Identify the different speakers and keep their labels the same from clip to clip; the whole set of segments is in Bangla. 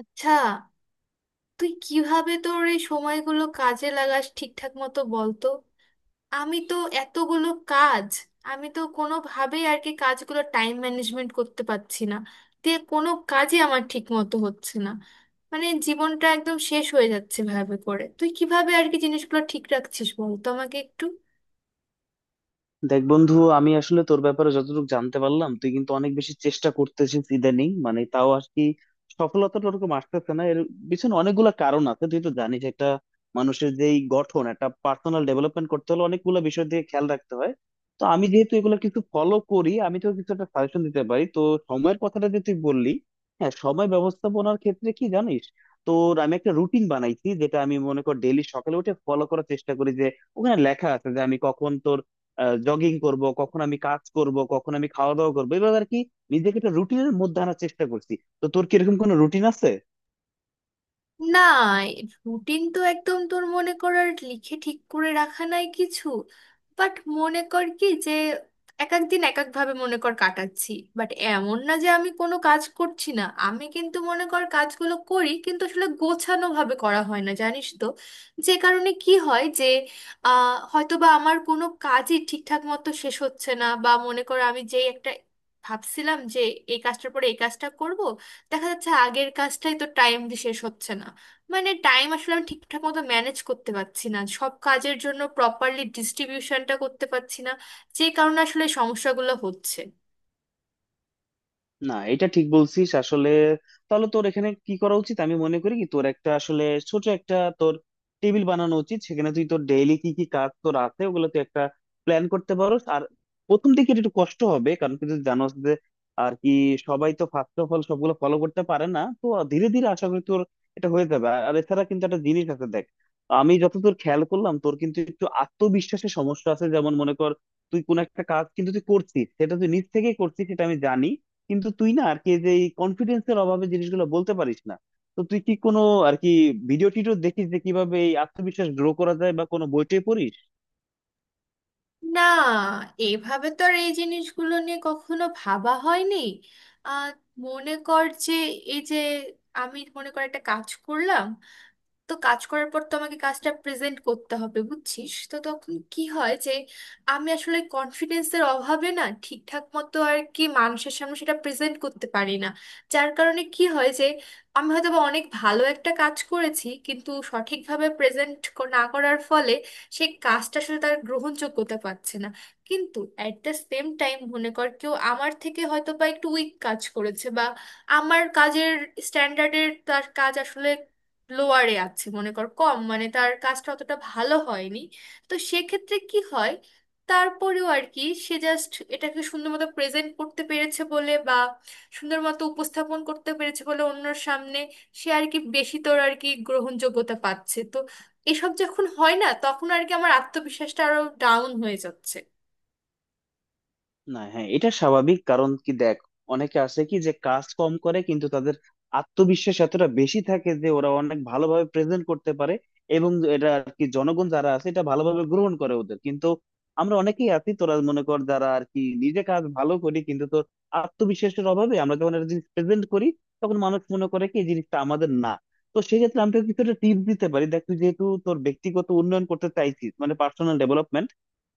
Speaker 1: আচ্ছা, তুই কিভাবে তোর এই সময়গুলো কাজে লাগাস ঠিকঠাক মতো বলতো। আমি তো এতগুলো কাজ আমি তো কোনোভাবেই আর কি কাজগুলো টাইম ম্যানেজমেন্ট করতে পারছি না, দিয়ে কোনো কাজই আমার ঠিক মতো হচ্ছে না। মানে জীবনটা একদম শেষ হয়ে যাচ্ছে ভাবে করে, তুই কিভাবে আর কি জিনিসগুলো ঠিক রাখছিস বলতো আমাকে একটু।
Speaker 2: দেখ বন্ধু, আমি আসলে তোর ব্যাপারে যতটুকু জানতে পারলাম তুই কিন্তু অনেক বেশি চেষ্টা করতেছিস ইদানিং, মানে তাও আর কি সফলতাটা ওরকম আসতেছে না। এর পিছনে অনেকগুলা কারণ আছে, তুই তো জানিস। একটা মানুষের যেই গঠন, একটা পার্সোনাল ডেভেলপমেন্ট করতে হলে অনেকগুলো বিষয় দিয়ে খেয়াল রাখতে হয়। তো আমি যেহেতু এগুলো কিছু ফলো করি, আমি তো কিছু একটা সাজেশন দিতে পারি। তো সময়ের কথাটা যে তুই বললি, হ্যাঁ, সময় ব্যবস্থাপনার ক্ষেত্রে কি জানিস, তোর আমি একটা রুটিন বানাইছি, যেটা আমি মনে কর ডেইলি সকালে উঠে ফলো করার চেষ্টা করি। যে ওখানে লেখা আছে যে আমি কখন তোর জগিং করব, কখন আমি কাজ করব, কখন আমি খাওয়া দাওয়া করবো, এভাবে আর কি নিজেকে একটা রুটিনের মধ্যে আনার চেষ্টা করছি। তো তোর কি এরকম কোনো রুটিন আছে?
Speaker 1: না, রুটিন তো একদম তোর মনে করার লিখে ঠিক করে রাখা নাই কিছু। বাট মনে কর কি যে এক এক দিন এক একভাবে মনে কর কাটাচ্ছি। বাট এমন না যে আমি কোনো কাজ করছি না, আমি কিন্তু মনে কর কাজগুলো করি, কিন্তু আসলে গোছানো ভাবে করা হয় না জানিস তো। যে কারণে কি হয় যে হয়তো বা আমার কোনো কাজই ঠিকঠাক মতো শেষ হচ্ছে না, বা মনে কর আমি যেই একটা ভাবছিলাম যে এই কাজটার পরে এই কাজটা করব, দেখা যাচ্ছে আগের কাজটাই তো টাইম দিয়ে শেষ হচ্ছে না। মানে টাইম আসলে আমি ঠিকঠাক মতো ম্যানেজ করতে পারছি না, সব কাজের জন্য প্রপারলি ডিস্ট্রিবিউশনটা করতে পারছি না, যে কারণে আসলে এই সমস্যাগুলো হচ্ছে।
Speaker 2: না, এটা ঠিক বলছিস আসলে। তাহলে তোর এখানে কি করা উচিত, আমি মনে করি কি তোর একটা আসলে ছোট একটা তোর টেবিল বানানো উচিত। সেখানে তুই তোর ডেইলি কি কি কাজ তোর আছে, ওগুলো তুই একটা প্ল্যান করতে পারো। আর প্রথম দিকে এটা একটু কষ্ট হবে, কারণ তুই যদি জানোস যে আর কি সবাই তো ফার্স্ট অফ অল সবগুলো ফলো করতে পারে না। তো ধীরে ধীরে আশা করি তোর এটা হয়ে যাবে। আর আর এছাড়া কিন্তু একটা জিনিস আছে, দেখ, আমি যতদূর খেয়াল করলাম, তোর কিন্তু একটু আত্মবিশ্বাসের সমস্যা আছে। যেমন মনে কর, তুই কোন একটা কাজ কিন্তু তুই করছিস, সেটা তুই নিজ থেকেই করছিস, সেটা আমি জানি। কিন্তু তুই না আর কি যে এই কনফিডেন্সের অভাবে জিনিসগুলো বলতে পারিস না। তো তুই কি কোনো আর কি ভিডিও টিডিও দেখিস যে কিভাবে এই আত্মবিশ্বাস গ্রো করা যায়, বা কোনো বই টই পড়িস?
Speaker 1: না, এভাবে তো আর এই জিনিসগুলো নিয়ে কখনো ভাবা হয়নি। আহ মনে কর যে, এই যে আমি মনে কর একটা কাজ করলাম, তো কাজ করার পর তো আমাকে কাজটা প্রেজেন্ট করতে হবে বুঝছিস তো, তখন কি হয় যে আমি আসলে কনফিডেন্সের অভাবে না ঠিকঠাক মতো আর কি মানুষের সামনে সেটা প্রেজেন্ট করতে পারি না। যার কারণে কি হয় যে আমি হয়তো বা অনেক ভালো একটা কাজ করেছি কিন্তু সঠিকভাবে প্রেজেন্ট না করার ফলে সেই কাজটা আসলে তার গ্রহণযোগ্যতা পাচ্ছে না। কিন্তু অ্যাট দ্য সেম টাইম মনে কর কেউ আমার থেকে হয়তো বা একটু উইক কাজ করেছে, বা আমার কাজের স্ট্যান্ডার্ডের তার কাজ আসলে লোয়ারে আছে, মনে কর কম, মানে তার কাজটা অতটা ভালো হয়নি। তো সেক্ষেত্রে কি হয়, তারপরেও আর কি সে জাস্ট এটাকে সুন্দর মতো প্রেজেন্ট করতে পেরেছে বলে, বা সুন্দর মতো উপস্থাপন করতে পেরেছে বলে অন্যর সামনে, সে আর কি বেশি তোর আর কি গ্রহণযোগ্যতা পাচ্ছে তো। এসব যখন হয় না তখন আর কি আমার আত্মবিশ্বাসটা আরো ডাউন হয়ে যাচ্ছে।
Speaker 2: না। হ্যাঁ, এটা স্বাভাবিক, কারণ কি দেখ, অনেকে আছে কি যে কাজ কম করে কিন্তু তাদের আত্মবিশ্বাস এতটা বেশি থাকে যে ওরা অনেক ভালোভাবে প্রেজেন্ট করতে পারে, এবং এটা আর কি জনগণ যারা আছে এটা ভালোভাবে গ্রহণ করে ওদের। কিন্তু আমরা অনেকেই আছি, তোরা মনে কর, যারা আর কি নিজে কাজ ভালো করি কিন্তু তোর আত্মবিশ্বাসের অভাবে আমরা যখন একটা জিনিস প্রেজেন্ট করি, তখন মানুষ মনে করে কি এই জিনিসটা আমাদের না। তো সেক্ষেত্রে আমি তোকে কিছুটা টিপস দিতে পারি। দেখ, তুই যেহেতু তোর ব্যক্তিগত উন্নয়ন করতে চাইছিস, মানে পার্সোনাল ডেভেলপমেন্ট,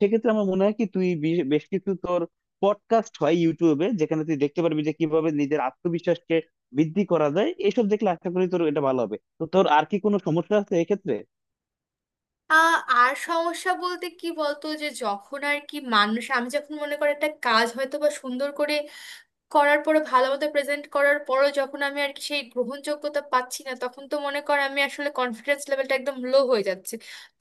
Speaker 2: সেক্ষেত্রে আমার মনে হয় কি তুই বেশ বেশ কিছু তোর পডকাস্ট হয় ইউটিউবে, যেখানে তুই দেখতে পারবি যে কিভাবে নিজের আত্মবিশ্বাসকে বৃদ্ধি করা যায়। এসব দেখলে আশা করি তোর এটা ভালো হবে। তো তোর আর কি কোনো সমস্যা আছে এক্ষেত্রে?
Speaker 1: আর সমস্যা বলতে কি বলতো, যে যখন আর কি মানুষ, আমি যখন মনে করি একটা কাজ হয়তো বা সুন্দর করে করার পরে ভালোমতো প্রেজেন্ট করার পরও যখন আমি আর কি সেই গ্রহণযোগ্যতা পাচ্ছি না, তখন তো মনে কর আমি আসলে কনফিডেন্স লেভেলটা একদম লো হয়ে যাচ্ছে।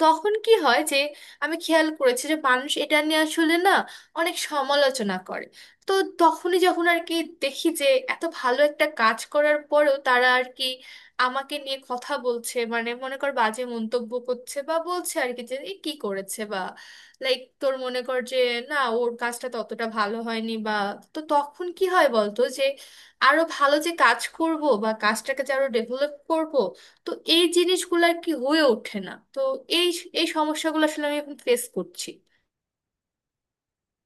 Speaker 1: তখন কি হয় যে আমি খেয়াল করেছি যে মানুষ এটা নিয়ে আসলে না অনেক সমালোচনা করে। তো তখনই যখন আর কি দেখি যে এত ভালো একটা কাজ করার পরেও তারা আর কি আমাকে নিয়ে কথা বলছে, মানে মনে কর বাজে মন্তব্য করছে, বা বলছে আর কি যে এ কি করেছে, বা লাইক তোর মনে কর যে না ওর কাজটা ততটা ভালো হয়নি বা। তো তখন কি হয় বলতো, যে আরো ভালো যে কাজ করব বা কাজটাকে যে আরো ডেভেলপ করব, তো এই জিনিসগুলো আর কি হয়ে ওঠে না তো। এই এই সমস্যাগুলো আসলে আমি এখন ফেস করছি।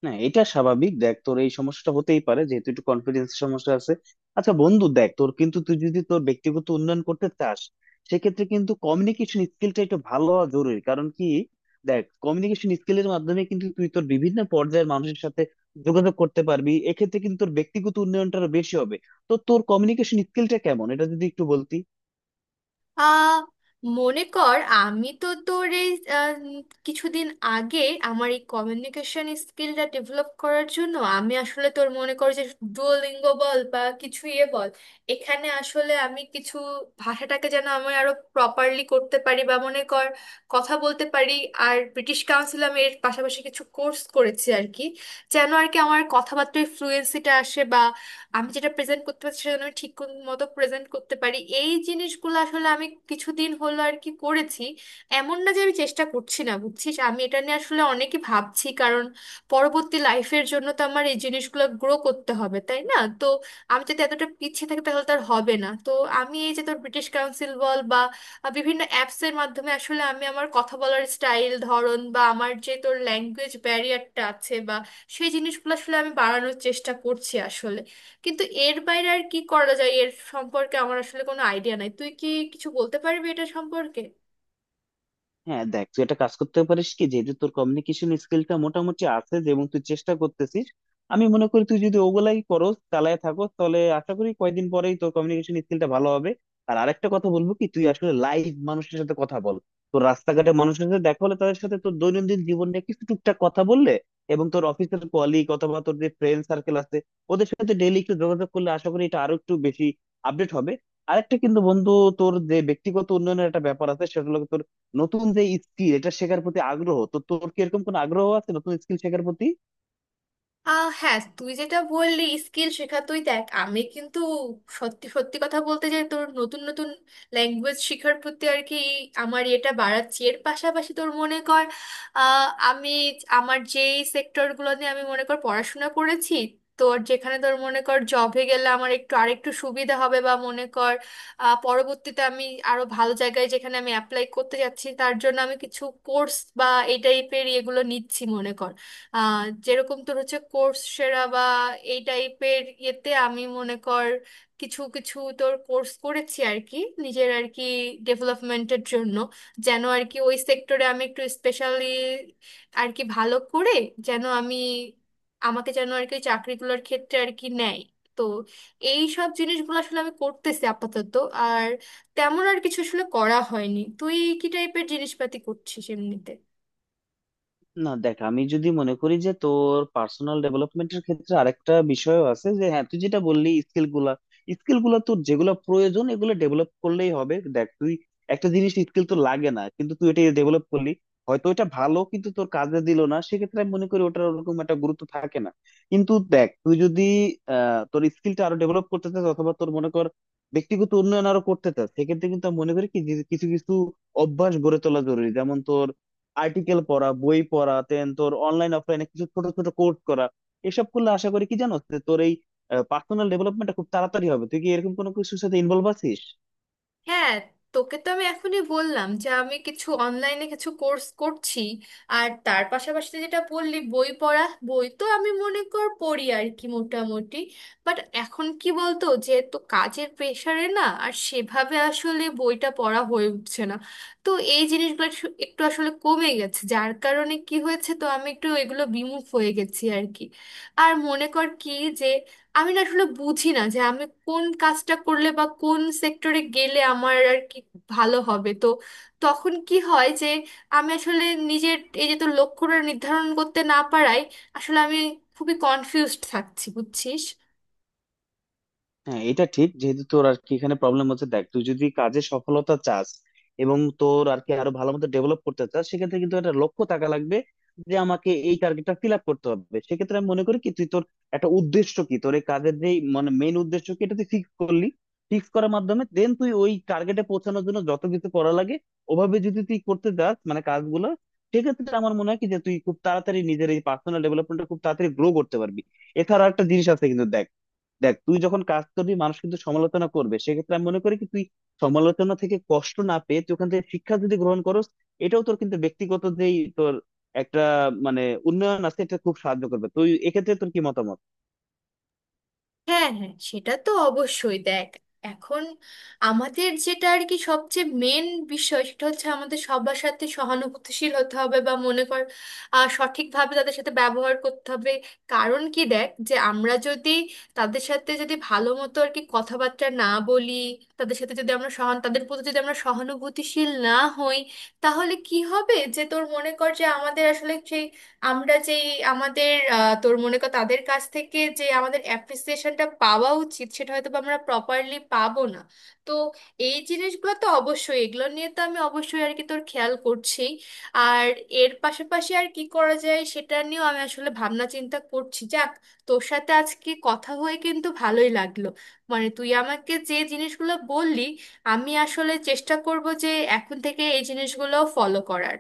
Speaker 2: না, এটা স্বাভাবিক। দেখ, তোর এই সমস্যাটা হতেই পারে, যেহেতু একটু কনফিডেন্স সমস্যা আছে। আচ্ছা বন্ধু, দেখ তোর কিন্তু তুই যদি তোর ব্যক্তিগত উন্নয়ন করতে চাস, সেক্ষেত্রে কিন্তু কমিউনিকেশন স্কিলটা একটু ভালো হওয়া জরুরি। কারণ কি দেখ, কমিউনিকেশন স্কিলের মাধ্যমে কিন্তু তুই তোর বিভিন্ন পর্যায়ের মানুষের সাথে যোগাযোগ করতে পারবি। এক্ষেত্রে কিন্তু তোর ব্যক্তিগত উন্নয়নটা আরো বেশি হবে। তো তোর কমিউনিকেশন স্কিলটা কেমন, এটা যদি একটু বলতি।
Speaker 1: আহ মনে কর আমি তো তোর এই, আহ, উম, কিছুদিন আগে আমার এই কমিউনিকেশন স্কিলটা ডেভেলপ করার জন্য আমি আসলে তোর মনে কর যে ডুওলিঙ্গো বল বা কিছু ইয়ে বল, এখানে আসলে আমি কিছু ভাষাটাকে যেন আমি আরো প্রপারলি করতে পারি, বা মনে কর কথা বলতে পারি। আর ব্রিটিশ কাউন্সিল আমি এর পাশাপাশি কিছু কোর্স করেছি আর কি, যেন আর কি আমার কথাবার্তায় ফ্লুয়েন্সিটা আসে, আমি যেটা প্রেজেন্ট করতে পারছি সেটা যেন আমি ঠিক কোন মতো প্রেজেন্ট করতে পারি। এই জিনিসগুলো আসলে আমি কিছুদিন হলো আর কি করেছি। এমন না যে আমি চেষ্টা করছি না বুঝছিস, আমি এটা নিয়ে আসলে অনেকই ভাবছি, কারণ পরবর্তী লাইফের জন্য তো আমার এই জিনিসগুলো গ্রো করতে হবে তাই না, তো আমি যদি এতটা পিছিয়ে থাকি তাহলে তার হবে না তো। আমি এই যে তোর ব্রিটিশ কাউন্সিল বল বা বিভিন্ন অ্যাপসের মাধ্যমে আসলে আমি আমার কথা বলার স্টাইল ধরন বা আমার যে তোর ল্যাঙ্গুয়েজ ব্যারিয়ারটা আছে বা, সেই জিনিসগুলো আসলে আমি বাড়ানোর চেষ্টা করছি আসলে। কিন্তু এর বাইরে আর কি করা যায় এর সম্পর্কে আমার আসলে কোনো আইডিয়া নাই, তুই কি কিছু বলতে পারবি এটা সম্পর্কে?
Speaker 2: হ্যাঁ দেখ, তুই একটা কাজ করতে পারিস কি, যেহেতু তোর কমিউনিকেশন স্কিলটা মোটামুটি আছে যে, এবং তুই চেষ্টা করতেছিস, আমি মনে করি তুই যদি ওগুলাই করো চালায় থাকো, তাহলে আশা করি কয়েকদিন পরেই তোর কমিউনিকেশন স্কিলটা ভালো হবে। আর আরেকটা কথা বলবো কি, তুই আসলে লাইভ মানুষের সাথে কথা বল। তোর রাস্তাঘাটে মানুষের সাথে দেখা হলে তাদের সাথে তোর দৈনন্দিন জীবন নিয়ে কিছু টুকটাক কথা বললে, এবং তোর অফিসের কলিগ অথবা তোর যে ফ্রেন্ড সার্কেল আছে ওদের সাথে ডেইলি একটু যোগাযোগ করলে, আশা করি এটা আরো একটু বেশি আপডেট হবে। আরেকটা কিন্তু বন্ধু, তোর যে ব্যক্তিগত উন্নয়নের একটা ব্যাপার আছে, সেটা হলো তোর নতুন যে স্কিল, এটা শেখার প্রতি আগ্রহ। তো তোর কি এরকম কোনো আগ্রহ আছে নতুন স্কিল শেখার প্রতি?
Speaker 1: হ্যাঁ, তুই যেটা বললি স্কিল শেখা, তুই দেখ আমি কিন্তু সত্যি সত্যি কথা বলতে যে তোর নতুন নতুন ল্যাঙ্গুয়েজ শেখার প্রতি আর কি আমার এটা বাড়াচ্ছি। এর পাশাপাশি তোর মনে কর আমি আমার যেই সেক্টরগুলো নিয়ে আমি মনে কর পড়াশোনা করেছি, তোর যেখানে তোর মনে কর জবে গেলে আমার একটু আরেকটু সুবিধা হবে, বা মনে কর পরবর্তীতে আমি আরো ভালো জায়গায় যেখানে আমি অ্যাপ্লাই করতে যাচ্ছি তার জন্য আমি কিছু কোর্স বা এই টাইপের এগুলো নিচ্ছি মনে কর। আহ, যেরকম তোর হচ্ছে কোর্স সেরা বা এই টাইপের ইয়েতে আমি মনে কর কিছু কিছু তোর কোর্স করেছি আর কি, নিজের আর কি ডেভেলপমেন্টের জন্য, যেন আর কি ওই সেক্টরে আমি একটু স্পেশালি আর কি ভালো করে, যেন আমি, আমাকে যেন আর কি চাকরিগুলোর ক্ষেত্রে আর কি নেয়। তো এই সব জিনিসগুলো আসলে আমি করতেছি আপাতত। আর তেমন আর কিছু আসলে করা হয়নি, তুই কি টাইপের জিনিসপাতি করছিস এমনিতে?
Speaker 2: না দেখ, আমি যদি মনে করি যে তোর পার্সোনাল ডেভেলপমেন্টের ক্ষেত্রে আরেকটা বিষয়ও আছে যে, হ্যাঁ তুই যেটা বললি স্কিল গুলা, স্কিল গুলা তোর যেগুলো প্রয়োজন, এগুলো ডেভেলপ করলেই হবে। দেখ তুই একটা জিনিস, স্কিল তো লাগে না কিন্তু তুই এটা ডেভেলপ করলি, হয়তো এটা ভালো কিন্তু তোর কাজে দিল না, সেক্ষেত্রে আমি মনে করি ওটার ওরকম একটা গুরুত্ব থাকে না। কিন্তু দেখ, তুই যদি তোর স্কিলটা আরো ডেভেলপ করতে চাস, অথবা তোর মনে কর ব্যক্তিগত উন্নয়ন আরো করতে চাস, সেক্ষেত্রে কিন্তু আমি মনে করি কি যে কিছু কিছু অভ্যাস গড়ে তোলা জরুরি। যেমন তোর আর্টিকেল পড়া, বই পড়া, দেন তোর অনলাইন অফলাইনে কিছু ছোট ছোট কোর্স করা, এসব করলে আশা করি কি জানো যে তোর এই পার্সোনাল ডেভেলপমেন্টটা খুব তাড়াতাড়ি হবে। তুই কি এরকম কোনো কিছুর সাথে ইনভলভ আছিস?
Speaker 1: হ্যাঁ, তোকে তো আমি এখনই বললাম যে আমি কিছু অনলাইনে কিছু কোর্স করছি। আর তার পাশাপাশি তুই যেটা বললি বই পড়া, বই তো আমি মনে কর পড়ি আর কি মোটামুটি। বাট এখন কি বলতো, যেহেতু কাজের প্রেশারে না আর সেভাবে আসলে বইটা পড়া হয়ে উঠছে না, তো এই জিনিসগুলো একটু একটু আসলে কমে গেছে, যার কারণে কি হয়েছে তো আমি একটু এগুলো বিমুখ হয়ে গেছি আর কি। আর মনে কর কি যে আমি না আসলে বুঝি না যে আমি কোন কাজটা করলে বা কোন সেক্টরে গেলে আমার আর কি ভালো হবে তো। তখন কি হয় যে আমি আসলে নিজের এই যে তো লক্ষ্যটা নির্ধারণ করতে না পারায় আসলে আমি খুবই কনফিউজড থাকছি বুঝছিস।
Speaker 2: হ্যাঁ, এটা ঠিক, যেহেতু তোর আর কি এখানে প্রবলেম হচ্ছে। দেখ, তুই যদি কাজে সফলতা চাস, এবং তোর আর কি আরো ভালো মতো ডেভেলপ করতে চাস, সেক্ষেত্রে কিন্তু একটা লক্ষ্য থাকা লাগবে যে আমাকে এই টার্গেটটা ফিল আপ করতে হবে। সেক্ষেত্রে আমি মনে করি কি তুই তোর একটা উদ্দেশ্য, কি তোর এই কাজের যে মানে মেইন উদ্দেশ্য কি, এটা তুই ফিক্স করলি। ফিক্স করার মাধ্যমে দেন তুই ওই টার্গেটে পৌঁছানোর জন্য যত কিছু করা লাগে, ওভাবে যদি তুই করতে চাস মানে কাজগুলো, সেক্ষেত্রে আমার মনে হয় কি যে তুই খুব তাড়াতাড়ি নিজের এই পার্সোনাল ডেভেলপমেন্টটা খুব তাড়াতাড়ি গ্রো করতে পারবি। এছাড়া একটা জিনিস আছে কিন্তু দেখ, দেখ তুই যখন কাজ করবি, মানুষ কিন্তু সমালোচনা করবে। সেক্ষেত্রে আমি মনে করি কি তুই সমালোচনা থেকে কষ্ট না পেয়ে তুই ওখান থেকে শিক্ষা যদি গ্রহণ করস, এটাও তোর কিন্তু ব্যক্তিগত যেই তোর একটা মানে উন্নয়ন আছে, এটা খুব সাহায্য করবে। তুই এক্ষেত্রে তোর কি মতামত?
Speaker 1: হ্যাঁ হ্যাঁ, সেটা তো অবশ্যই। দেখ এখন আমাদের যেটা আর কি সবচেয়ে মেন বিষয়, সেটা হচ্ছে আমাদের সবার সাথে সহানুভূতিশীল হতে হবে, বা মনে কর সঠিকভাবে তাদের সাথে ব্যবহার করতে হবে। কারণ কি দেখ, যে আমরা যদি তাদের সাথে যদি ভালো মতো আর কি কথাবার্তা না বলি, তাদের সাথে যদি আমরা তাদের প্রতি যদি আমরা সহানুভূতিশীল না হই, তাহলে কি হবে যে তোর মনে কর যে আমাদের আসলে সেই, আমরা যেই আমাদের তোর মনে কর তাদের কাছ থেকে যে আমাদের অ্যাপ্রিসিয়েশনটা পাওয়া উচিত সেটা হয়তো বা আমরা প্রপারলি পাবো না। তো এই জিনিসগুলো তো অবশ্যই, এগুলো নিয়ে তো আমি অবশ্যই আর কি তোর খেয়াল করছি। আর এর পাশাপাশি আর কি করা যায় সেটা নিয়েও আমি আসলে ভাবনা চিন্তা করছি। যাক, তোর সাথে আজকে কথা হয়ে কিন্তু ভালোই লাগলো। মানে তুই আমাকে যে জিনিসগুলো বললি, আমি আসলে চেষ্টা করব যে এখন থেকে এই জিনিসগুলো ফলো করার।